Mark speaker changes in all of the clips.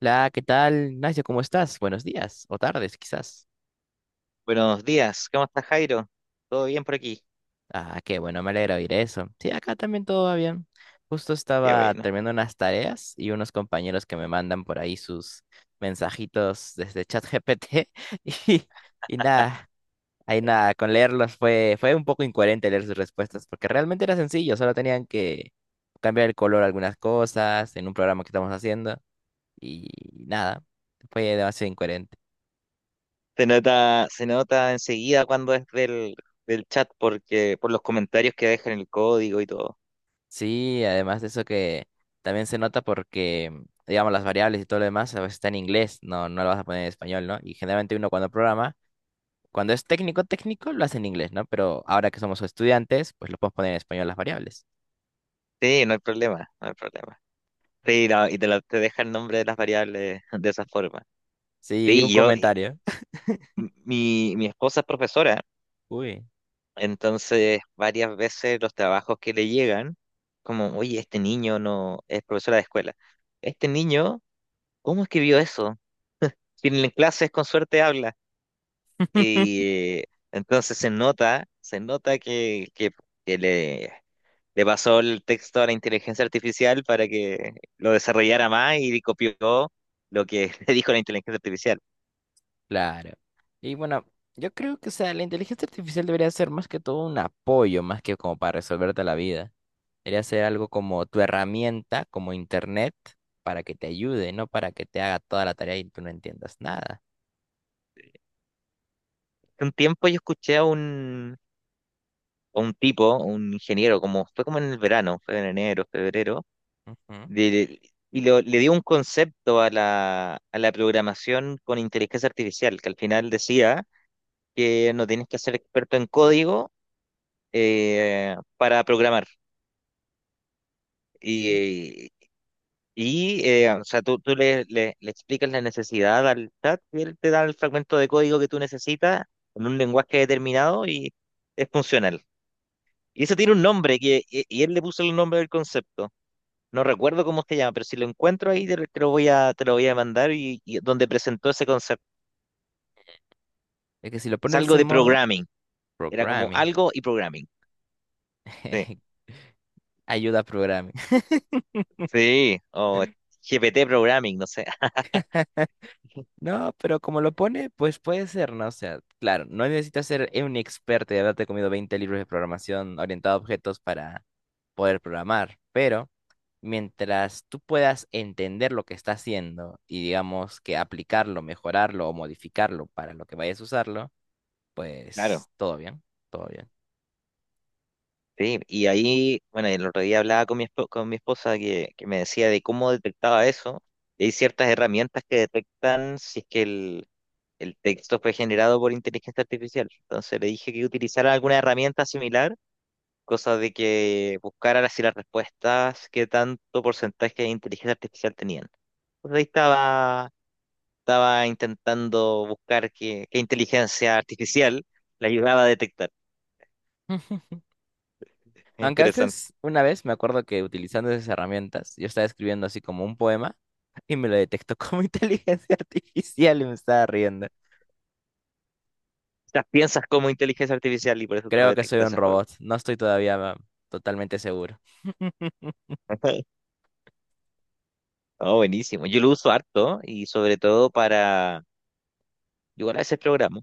Speaker 1: Hola, ¿qué tal, Ignacio? ¿Cómo estás? Buenos días o tardes, quizás.
Speaker 2: Buenos días, ¿cómo estás, Jairo? ¿Todo bien por aquí?
Speaker 1: Ah, qué bueno, me alegra oír eso. Sí, acá también todo va bien. Justo
Speaker 2: Qué
Speaker 1: estaba
Speaker 2: bueno.
Speaker 1: terminando unas tareas y unos compañeros que me mandan por ahí sus mensajitos desde ChatGPT y, y nada, ahí nada, con leerlos fue un poco incoherente leer sus respuestas porque realmente era sencillo, solo tenían que cambiar el color a algunas cosas en un programa que estamos haciendo y nada, fue demasiado incoherente.
Speaker 2: Se nota enseguida cuando es del chat porque por los comentarios que dejan el código y todo.
Speaker 1: Sí, además de eso que también se nota porque, digamos, las variables y todo lo demás a veces está en inglés, no, no lo vas a poner en español, ¿no? Y generalmente uno cuando programa, cuando es técnico, técnico, lo hace en inglés, ¿no? Pero ahora que somos estudiantes, pues lo podemos poner en español las variables.
Speaker 2: Sí, no hay problema, no hay problema. Sí, te deja el nombre de las variables de esa forma.
Speaker 1: Sí, y un
Speaker 2: Sí, yo, y-
Speaker 1: comentario.
Speaker 2: mi, mi esposa es profesora,
Speaker 1: Uy,
Speaker 2: entonces varias veces los trabajos que le llegan, como, oye, este niño no es profesora de escuela. Este niño, ¿cómo escribió eso? Si en clases con suerte habla. Y eh, entonces se nota que le pasó el texto a la inteligencia artificial para que lo desarrollara más y copió lo que le dijo la inteligencia artificial.
Speaker 1: claro. Y bueno, yo creo que, o sea, la inteligencia artificial debería ser más que todo un apoyo, más que como para resolverte la vida. Debería ser algo como tu herramienta, como internet, para que te ayude, no para que te haga toda la tarea y tú no entiendas nada.
Speaker 2: Hace un tiempo yo escuché a un tipo, un ingeniero, como fue como en el verano, fue en enero, febrero,
Speaker 1: Ujú.
Speaker 2: de- le dio un concepto a la programación con inteligencia artificial, que al final decía que no tienes que ser experto en código para programar. Y, o sea, tú le explicas la necesidad al chat y él te da el fragmento de código que tú necesitas en un lenguaje determinado y es funcional. Y eso tiene un nombre que él le puso el nombre del concepto. No recuerdo cómo se llama, pero si lo encuentro ahí te lo voy a mandar y donde presentó ese concepto.
Speaker 1: Es que si lo
Speaker 2: Es
Speaker 1: pones de
Speaker 2: algo
Speaker 1: ese
Speaker 2: de
Speaker 1: modo,
Speaker 2: programming. Era como
Speaker 1: programming,
Speaker 2: algo y programming. Sí,
Speaker 1: ayuda a programming.
Speaker 2: sí, o GPT programming, no sé.
Speaker 1: No, pero como lo pone, pues puede ser, ¿no? O sea, claro, no necesitas ser un experto y haberte comido 20 libros de programación orientado a objetos para poder programar, pero mientras tú puedas entender lo que está haciendo y digamos que aplicarlo, mejorarlo o modificarlo para lo que vayas a usarlo,
Speaker 2: Claro.
Speaker 1: pues todo bien, todo bien.
Speaker 2: Sí, y ahí, bueno, el otro día hablaba con con mi esposa que me decía de cómo detectaba eso. Y hay ciertas herramientas que detectan si es que el texto fue generado por inteligencia artificial. Entonces le dije que utilizara alguna herramienta similar, cosa de que buscara si las respuestas, qué tanto porcentaje de inteligencia artificial tenían. Pues ahí estaba, estaba intentando buscar qué inteligencia artificial la ayudaba a detectar. Es
Speaker 1: Aunque
Speaker 2: interesante.
Speaker 1: antes, una vez, me acuerdo que utilizando esas herramientas, yo estaba escribiendo así como un poema y me lo detectó como inteligencia artificial y me estaba riendo.
Speaker 2: Las piensas como inteligencia artificial y por eso te lo
Speaker 1: Creo que
Speaker 2: detecta
Speaker 1: soy
Speaker 2: de
Speaker 1: un
Speaker 2: esa forma.
Speaker 1: robot. No estoy todavía totalmente seguro.
Speaker 2: Oh, buenísimo. Yo lo uso harto y sobre todo para, yo igual a veces programa,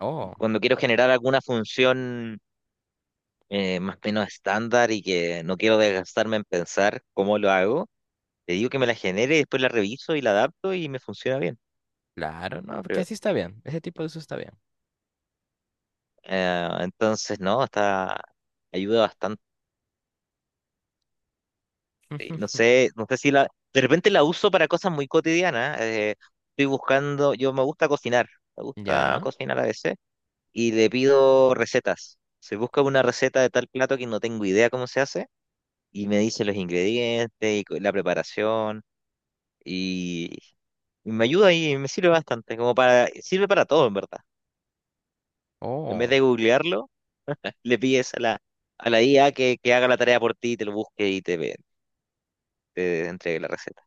Speaker 1: Oh,
Speaker 2: cuando quiero generar alguna función más o menos estándar y que no quiero desgastarme en pensar cómo lo hago, le digo que me la genere y después la reviso y la adapto y me funciona bien.
Speaker 1: claro, no, que
Speaker 2: Pero,
Speaker 1: así está bien. Ese tipo de uso está bien.
Speaker 2: entonces, no, está, ayuda bastante. No sé, no sé si de repente la uso para cosas muy cotidianas. Estoy buscando, yo me gusta
Speaker 1: Ya.
Speaker 2: cocinar a veces y le pido recetas. Se busca una receta de tal plato que no tengo idea cómo se hace y me dice los ingredientes y la preparación y, y me ayuda y me sirve bastante, como para, sirve para todo en verdad. En vez
Speaker 1: Oh,
Speaker 2: de googlearlo, le pides a la IA que haga la tarea por ti, te lo busque y te entregue la receta.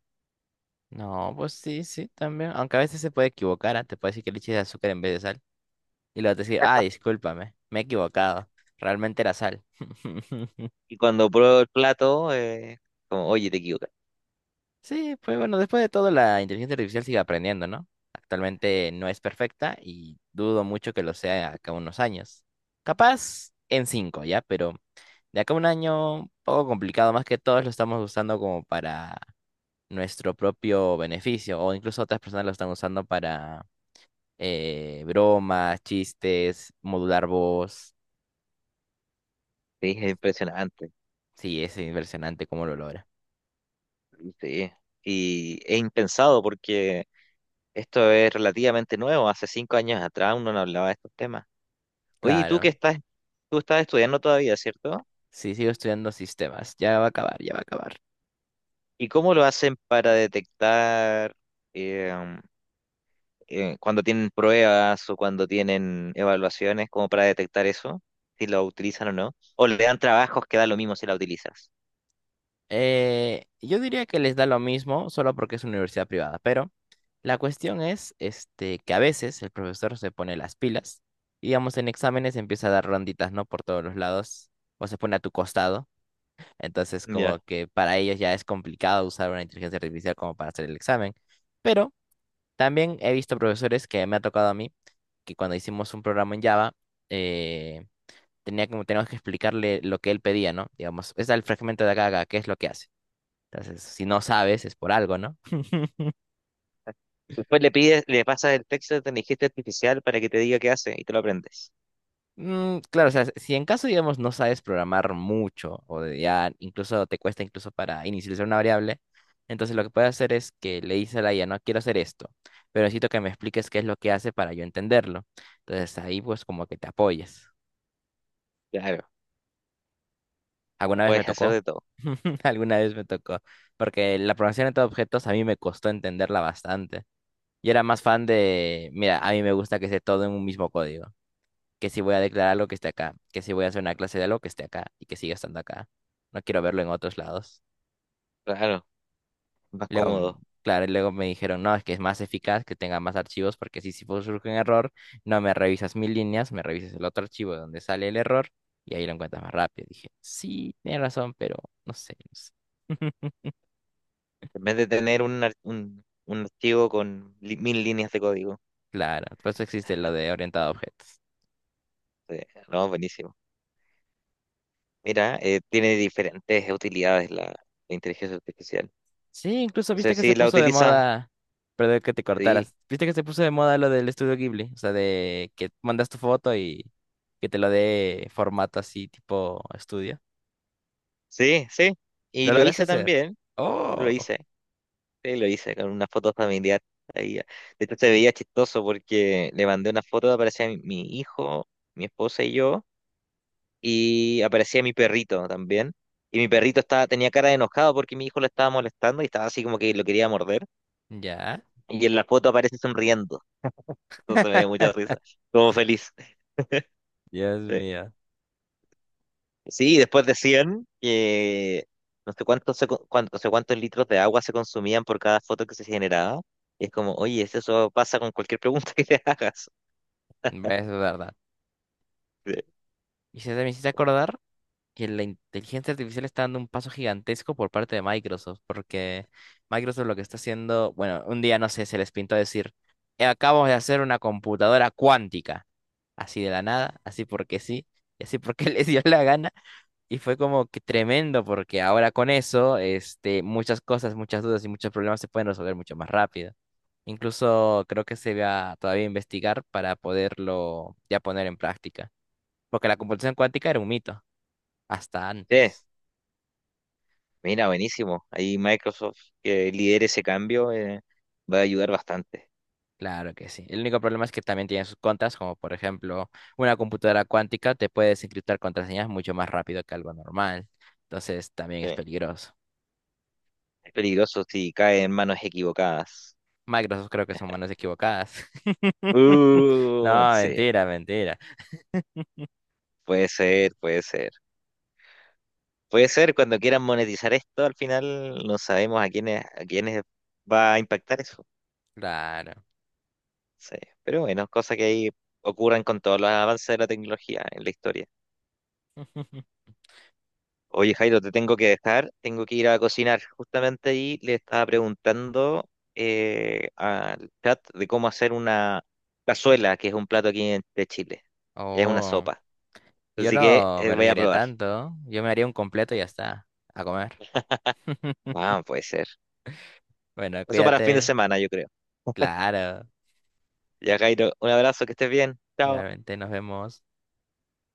Speaker 1: no, pues sí, sí, también. Aunque a veces se puede equivocar, ¿ah? Te puede decir que le eches azúcar en vez de sal. Y luego te decir, ah, discúlpame, me he equivocado. Realmente era sal.
Speaker 2: Y cuando pruebo el plato, como, oye, te equivocas.
Speaker 1: Sí, pues bueno, después de todo, la inteligencia artificial sigue aprendiendo, ¿no? Actualmente no es perfecta y dudo mucho que lo sea acá unos años. Capaz en cinco, ¿ya? Pero de acá a un año, un poco complicado, más que todos lo estamos usando como para nuestro propio beneficio, o incluso otras personas lo están usando para bromas, chistes, modular voz.
Speaker 2: Sí, es impresionante.
Speaker 1: Sí, es impresionante cómo lo logra.
Speaker 2: Sí. Y es impensado porque esto es relativamente nuevo. Hace 5 años atrás uno no hablaba de estos temas. Oye,
Speaker 1: Claro,
Speaker 2: tú estás estudiando todavía, ¿cierto?
Speaker 1: sí, sigo estudiando sistemas, ya va a acabar, ya va a acabar.
Speaker 2: ¿Y cómo lo hacen para detectar eh, cuando tienen pruebas o cuando tienen evaluaciones, como para detectar eso? Si lo utilizan o no. O le dan trabajos que da lo mismo si la utilizas.
Speaker 1: Yo diría que les da lo mismo solo porque es una universidad privada, pero la cuestión es este, que a veces el profesor se pone las pilas y, digamos, en exámenes empieza a dar ronditas, ¿no? Por todos los lados o se pone a tu costado. Entonces, como
Speaker 2: Ya.
Speaker 1: que para ellos ya es complicado usar una inteligencia artificial como para hacer el examen. Pero también he visto profesores que me ha tocado a mí que cuando hicimos un programa en Java, eh, tenía como, teníamos que explicarle lo que él pedía, ¿no? Digamos, es el fragmento de acá, a acá, ¿qué es lo que hace? Entonces, si no sabes, es por algo, ¿no?
Speaker 2: Después le pides, le pasas el texto de inteligencia artificial para que te diga qué hace y te lo aprendes.
Speaker 1: Claro, o sea, si en caso, digamos, no sabes programar mucho o de ya incluso te cuesta incluso para inicializar una variable, entonces lo que puedes hacer es que le dices a la IA, no quiero hacer esto, pero necesito que me expliques qué es lo que hace para yo entenderlo. Entonces ahí pues como que te apoyes.
Speaker 2: Claro, lo
Speaker 1: ¿Alguna vez me
Speaker 2: puedes hacer
Speaker 1: tocó?
Speaker 2: de todo.
Speaker 1: Alguna vez me tocó, porque la programación de objetos a mí me costó entenderla bastante. Yo era más fan de, mira, a mí me gusta que esté todo en un mismo código, que si voy a declarar lo que esté acá, que si voy a hacer una clase de algo que esté acá y que siga estando acá. No quiero verlo en otros lados.
Speaker 2: Claro, más
Speaker 1: Luego,
Speaker 2: cómodo.
Speaker 1: claro, y luego me dijeron, no, es que es más eficaz que tenga más archivos porque si surge un error, no me revisas mil líneas, me revisas el otro archivo donde sale el error y ahí lo encuentras más rápido. Dije, sí, tienes razón, pero no sé, no sé.
Speaker 2: En vez de tener un archivo con mil líneas de código.
Speaker 1: Claro, por eso existe lo de orientado a objetos.
Speaker 2: Sí, no, buenísimo. Mira, tiene diferentes utilidades la inteligencia artificial.
Speaker 1: Sí, incluso
Speaker 2: O
Speaker 1: viste
Speaker 2: sea,
Speaker 1: que
Speaker 2: si
Speaker 1: se
Speaker 2: la
Speaker 1: puso de
Speaker 2: utilizas,
Speaker 1: moda, perdón que te
Speaker 2: sí,
Speaker 1: cortaras, viste que se puso de moda lo del estudio Ghibli, o sea, de que mandas tu foto y que te lo dé formato así tipo estudio.
Speaker 2: sí, sí. Y
Speaker 1: ¿Lo
Speaker 2: lo
Speaker 1: lograste
Speaker 2: hice
Speaker 1: hacer?
Speaker 2: también,
Speaker 1: Oh,
Speaker 2: lo hice. Sí, lo hice con una foto familiar. Ahí. De hecho, se veía chistoso porque le mandé una foto, aparecía mi hijo, mi esposa y yo, y aparecía mi perrito también. Y mi perrito estaba, tenía cara de enojado porque mi hijo lo estaba molestando y estaba así como que lo quería morder.
Speaker 1: ya.
Speaker 2: Y en la foto aparece sonriendo. Entonces me dio mucha risa, como feliz.
Speaker 1: Dios
Speaker 2: Sí,
Speaker 1: mío,
Speaker 2: sí, y después decían que no sé cuántos, no sé cuántos litros de agua se consumían por cada foto que se generaba. Y es como, oye, eso pasa con cualquier pregunta que te hagas.
Speaker 1: es verdad.
Speaker 2: Sí.
Speaker 1: Y se me hiciste acordar que la inteligencia artificial está dando un paso gigantesco por parte de Microsoft, porque Microsoft lo que está haciendo, bueno, un día no sé, se les pintó decir: Acabamos de hacer una computadora cuántica, así de la nada, así porque sí", y así porque les dio la gana, y fue como que tremendo, porque ahora con eso, este, muchas cosas, muchas dudas y muchos problemas se pueden resolver mucho más rápido. Incluso creo que se va todavía a investigar para poderlo ya poner en práctica, porque la computación cuántica era un mito hasta
Speaker 2: Sí,
Speaker 1: antes.
Speaker 2: mira, buenísimo. Ahí Microsoft que lidere ese cambio, va a ayudar bastante.
Speaker 1: Claro que sí. El único problema es que también tiene sus contras, como por ejemplo, una computadora cuántica te puede desencriptar contraseñas mucho más rápido que algo normal. Entonces también es
Speaker 2: Sí.
Speaker 1: peligroso.
Speaker 2: Es peligroso si cae en manos equivocadas.
Speaker 1: Microsoft creo que son manos equivocadas. No,
Speaker 2: Sí,
Speaker 1: mentira, mentira.
Speaker 2: puede ser, puede ser. Puede ser cuando quieran monetizar esto, al final no sabemos a quiénes va a impactar eso.
Speaker 1: Claro.
Speaker 2: Sí, pero bueno, cosas que ahí ocurren con todos los avances de la tecnología en la historia. Oye, Jairo, te tengo que dejar, tengo que ir a cocinar. Justamente ahí le estaba preguntando al chat de cómo hacer una cazuela, que es un plato aquí de Chile. Es una
Speaker 1: Oh,
Speaker 2: sopa.
Speaker 1: yo
Speaker 2: Así que
Speaker 1: no me
Speaker 2: voy a
Speaker 1: arriesgaría
Speaker 2: probar.
Speaker 1: tanto. Yo me haría un completo y ya está. A comer.
Speaker 2: Ah, puede ser.
Speaker 1: Bueno,
Speaker 2: Eso para el fin de
Speaker 1: cuídate.
Speaker 2: semana, yo creo.
Speaker 1: Claro.
Speaker 2: Ya, Jairo, un abrazo, que estés bien. Chao.
Speaker 1: Igualmente nos vemos.